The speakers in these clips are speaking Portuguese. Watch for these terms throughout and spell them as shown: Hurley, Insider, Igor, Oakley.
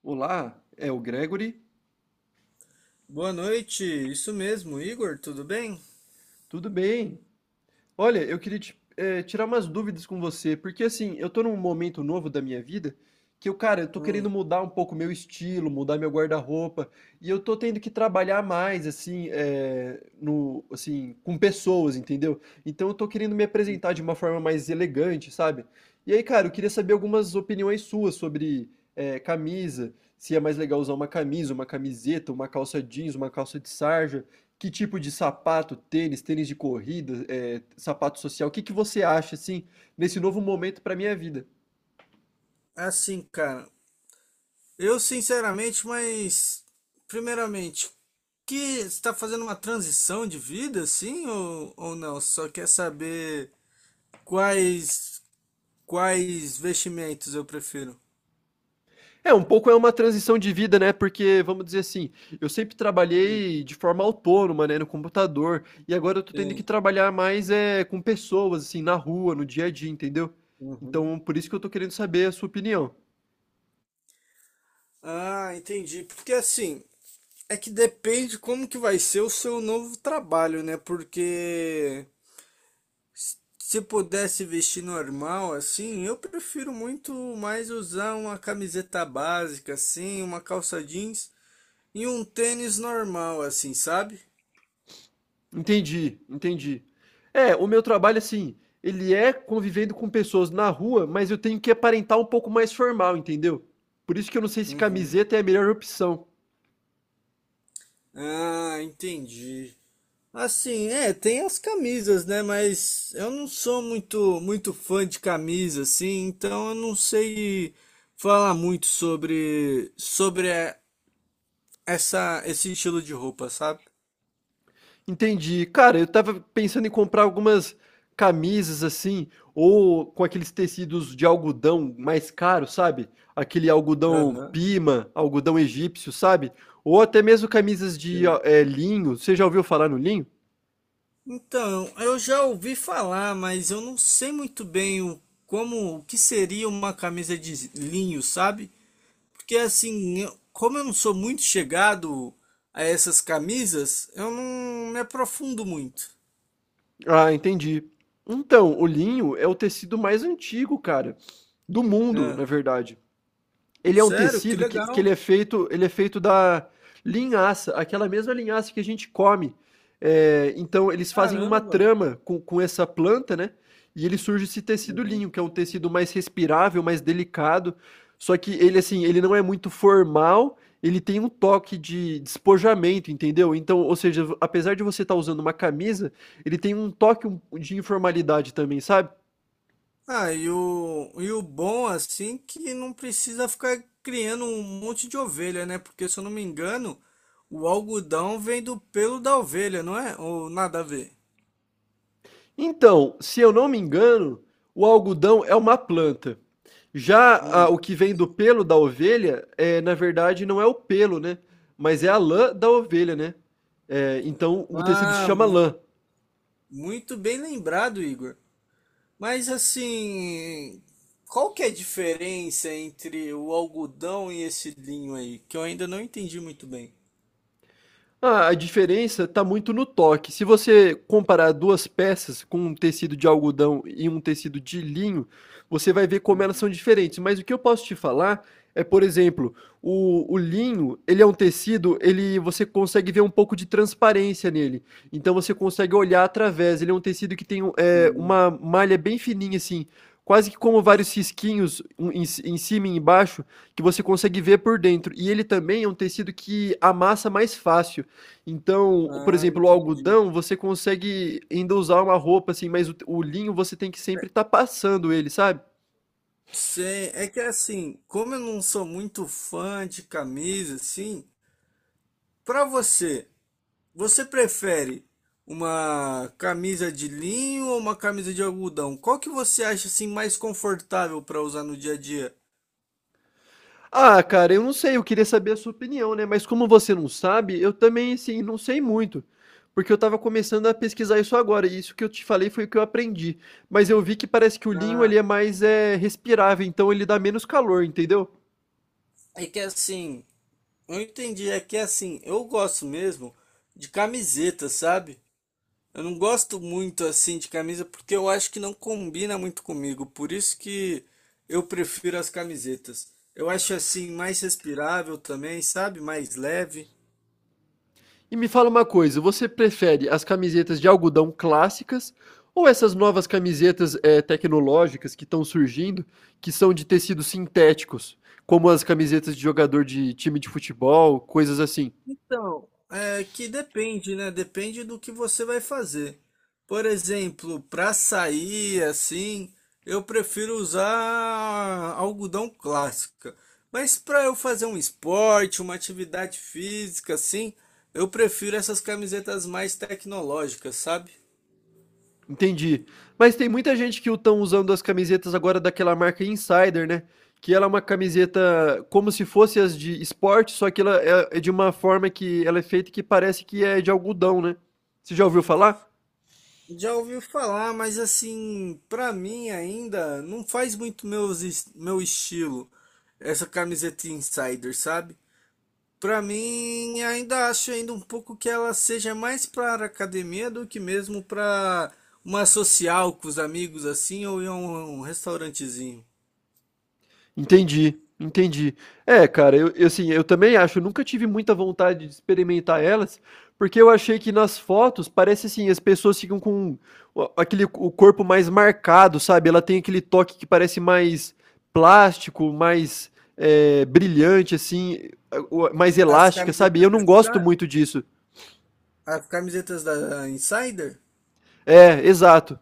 Olá, é o Gregory? Boa noite, isso mesmo, Igor, tudo bem? Tudo bem? Olha, eu queria tirar umas dúvidas com você, porque assim, eu tô num momento novo da minha vida que eu, cara, eu tô querendo Hum. mudar um pouco meu estilo, mudar meu guarda-roupa, e eu tô tendo que trabalhar mais, assim, eh, no, assim, com pessoas, entendeu? Então eu tô querendo me apresentar de uma forma mais elegante, sabe? E aí, cara, eu queria saber algumas opiniões suas sobre, camisa, se é mais legal usar uma camisa, uma camiseta, uma calça jeans, uma calça de sarja. Que tipo de sapato, tênis, tênis de corrida, sapato social, o que que você acha, assim, nesse novo momento para minha vida? Assim, cara, eu sinceramente, mas primeiramente, que está fazendo uma transição de vida, assim, ou, não? Só quer saber quais quais vestimentos eu prefiro. É, um pouco é uma transição de vida, né, porque, vamos dizer assim, eu sempre Hum. trabalhei de forma autônoma, né, no computador, e agora eu tô tendo que Sim. trabalhar mais é, com pessoas, assim, na rua, no dia a dia, entendeu? Uhum. Então, por isso que eu tô querendo saber a sua opinião. Ah, entendi. Porque assim, é que depende como que vai ser o seu novo trabalho, né? Porque se pudesse vestir normal, assim, eu prefiro muito mais usar uma camiseta básica, assim, uma calça jeans e um tênis normal, assim, sabe? Entendi, entendi. É, o meu trabalho, assim, ele é convivendo com pessoas na rua, mas eu tenho que aparentar um pouco mais formal, entendeu? Por isso que eu não sei se Uhum. camiseta é a melhor opção. Ah, entendi. Assim, é, tem as camisas, né? Mas eu não sou muito, muito fã de camisa, assim, então eu não sei falar muito sobre, essa, esse estilo de roupa, sabe? Entendi. Cara, eu tava pensando em comprar algumas camisas assim, ou com aqueles tecidos de algodão mais caro, sabe? Aquele algodão Aham. pima, algodão egípcio, sabe? Ou até mesmo camisas de linho. Você já ouviu falar no linho? Então, eu já ouvi falar, mas eu não sei muito bem o, como, o que seria uma camisa de linho, sabe? Porque assim, como eu não sou muito chegado a essas camisas, eu não me aprofundo muito. Ah, entendi. Então, o linho é o tecido mais antigo, cara, do mundo, É. na verdade. Ele é um Sério, que tecido que legal. Ele é feito da linhaça, aquela mesma linhaça que a gente come. É, então eles fazem uma Caramba. trama com essa planta, né? E ele surge esse tecido Uhum. linho, que é um tecido mais respirável, mais delicado. Só que ele assim, ele não é muito formal, ele tem um toque de despojamento, entendeu? Então, ou seja, apesar de você estar usando uma camisa, ele tem um toque de informalidade também, sabe? Ah, e o bom, assim, que não precisa ficar criando um monte de ovelha, né? Porque se eu não me engano, o algodão vem do pelo da ovelha, não é? Ou nada a ver? Então, se eu não me engano, o algodão é uma planta. Já o Hum. que vem do pelo da ovelha, é, na verdade, não é o pelo, né? Mas é a lã da ovelha, né? É, então, o tecido se Ah, chama mu- lã. Muito bem lembrado, Igor. Mas assim, qual que é a diferença entre o algodão e esse linho aí? Que eu ainda não entendi muito bem. Ah, a diferença está muito no toque. Se você comparar duas peças com um tecido de algodão e um tecido de linho, você vai ver como elas Uhum. são diferentes. Mas o que eu posso te falar é, por exemplo, o linho, ele é um tecido, ele você consegue ver um pouco de transparência nele. Então você consegue olhar através. Ele é um tecido que tem é, Uhum. uma malha bem fininha assim. Quase que como E- vários risquinhos um em cima e embaixo, que você consegue ver por dentro. E ele também é um tecido que amassa mais fácil. Então, por Ah, exemplo, o entendi. algodão, você consegue ainda usar uma roupa assim, mas o linho você tem que sempre estar passando ele, sabe? Sei, é que assim, como eu não sou muito fã de camisa, assim, pra você, você prefere uma camisa de linho ou uma camisa de algodão? Qual que você acha assim mais confortável pra usar no dia a dia? Ah, cara, eu não sei, eu queria saber a sua opinião, né? Mas como você não sabe, eu também, assim, não sei muito. Porque eu tava começando a pesquisar isso agora, e isso que eu te falei foi o que eu aprendi. Mas eu vi que parece que o linho Ah, ele é mais é, respirável, então ele dá menos calor, entendeu? é que assim, eu entendi, é que assim, eu gosto mesmo de camiseta, sabe? Eu não gosto muito assim de camisa porque eu acho que não combina muito comigo, por isso que eu prefiro as camisetas. Eu acho assim mais respirável também, sabe? Mais leve. E me fala uma coisa, você prefere as camisetas de algodão clássicas ou essas novas camisetas tecnológicas que estão surgindo, que são de tecidos sintéticos, como as camisetas de jogador de time de futebol, coisas assim? Então, é que depende, né? Depende do que você vai fazer. Por exemplo, para sair assim, eu prefiro usar algodão clássica. Mas para eu fazer um esporte, uma atividade física assim, eu prefiro essas camisetas mais tecnológicas, sabe? Entendi. Mas tem muita gente que estão usando as camisetas agora daquela marca Insider, né? Que ela é uma camiseta como se fosse as de esporte, só que ela é de uma forma que ela é feita que parece que é de algodão, né? Você já ouviu falar? Já ouvi falar, mas assim, para mim ainda não faz muito meu estilo essa camiseta insider, sabe? Pra mim, ainda acho ainda um pouco que ela seja mais para academia do que mesmo para uma social com os amigos assim ou em um restaurantezinho. Entendi, entendi. É, cara, eu, assim, eu também acho, eu nunca tive muita vontade de experimentar elas, porque eu achei que nas fotos parece assim, as pessoas ficam com o aquele o corpo mais marcado, sabe, ela tem aquele toque que parece mais plástico, mais, brilhante, assim, o mais As elástica, sabe, e camisetas eu da não gosto Insider? muito disso. As camisetas da Insider? É, exato.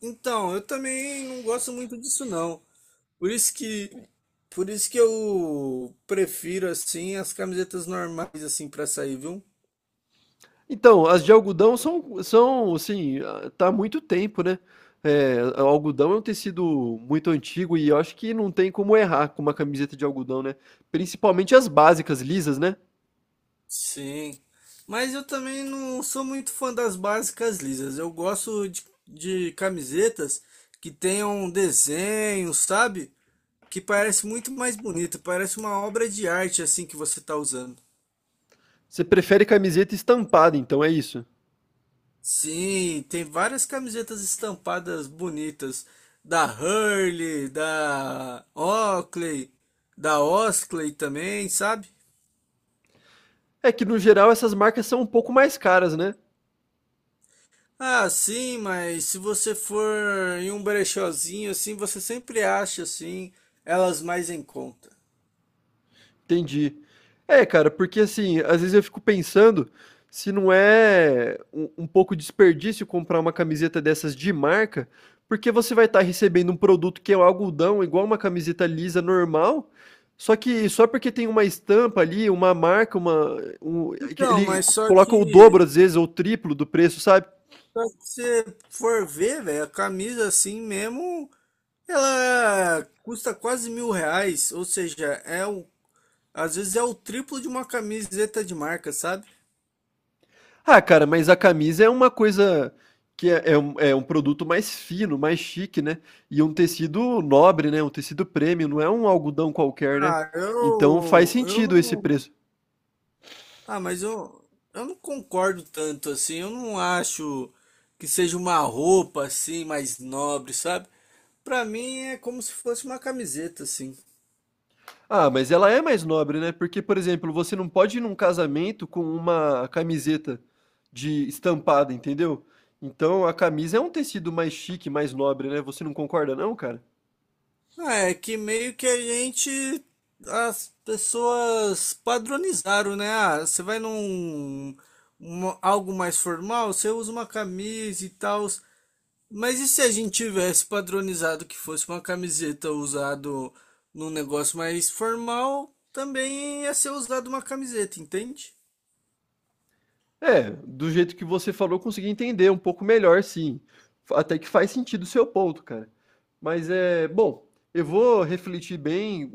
Então, eu também não gosto muito disso não. Por isso que por isso que eu prefiro assim as camisetas normais assim para sair, viu? Então, as de algodão são, assim, ah, tá há muito tempo, né. O algodão é um tecido muito antigo e eu acho que não tem como errar com uma camiseta de algodão, né. Principalmente as básicas lisas, né. Sim, mas eu também não sou muito fã das básicas lisas. Eu gosto de camisetas que tenham desenho, sabe? Que parece muito mais bonito, parece uma obra de arte assim que você tá usando. Você prefere camiseta estampada então, é isso? Sim, tem várias camisetas estampadas bonitas da Hurley, da Oakley também, sabe? É que no geral essas marcas são um pouco mais caras, né. Ah, sim, mas se você for em um brechózinho assim, você sempre acha assim elas mais em conta. Entendi. É, cara, porque assim, às vezes eu fico pensando se não é um pouco desperdício comprar uma camiseta dessas de marca, porque você vai estar recebendo um produto que é um algodão, igual uma camiseta lisa normal, só que só porque tem uma estampa ali, uma marca, um- Então, ele coloca o dobro às vezes, ou o triplo do preço, sabe? só que você for ver, velho, a camisa assim mesmo, ela custa quase R$ 1.000, ou seja, é o, às vezes é o triplo de uma camiseta de marca, sabe? Ah, cara, mas a camisa é uma coisa é um produto mais fino, mais chique, né? E um tecido nobre, né? Um tecido premium, não é um algodão qualquer, né? Ah, Então faz eu sentido esse não preço. Ah, mas eu não concordo tanto assim. Eu não acho que seja uma roupa assim mais nobre, sabe? Pra mim é como se fosse uma camiseta assim. Ah, mas ela é mais nobre, né? Porque, por exemplo, você não pode ir num casamento com uma camiseta de estampada, entendeu? Então a camisa é um tecido mais chique, mais nobre, né? Você não concorda, não, cara? Ah, é que meio que a gente as pessoas padronizaram, né? Ah, você vai num algo mais formal, você usa uma camisa e tal. Mas e se a gente tivesse padronizado que fosse uma camiseta usado num negócio mais formal, também ia ser usado uma camiseta, entende? É, do jeito que você falou, eu consegui entender um pouco melhor, sim. Até que faz sentido o seu ponto, cara. Mas é, bom, eu vou refletir bem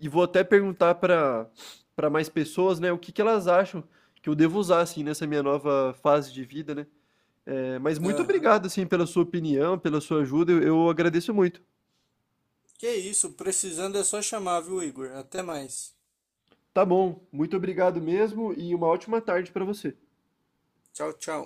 e vou até perguntar para mais pessoas, né, o que que elas acham que eu devo usar assim nessa minha nova fase de vida, né? É, mas muito Aham. obrigado assim pela sua opinião, pela sua ajuda, eu agradeço muito. Que isso, precisando é só chamar, viu, Igor? Até mais. Tá bom, muito obrigado mesmo e uma ótima tarde para você. Tchau, tchau.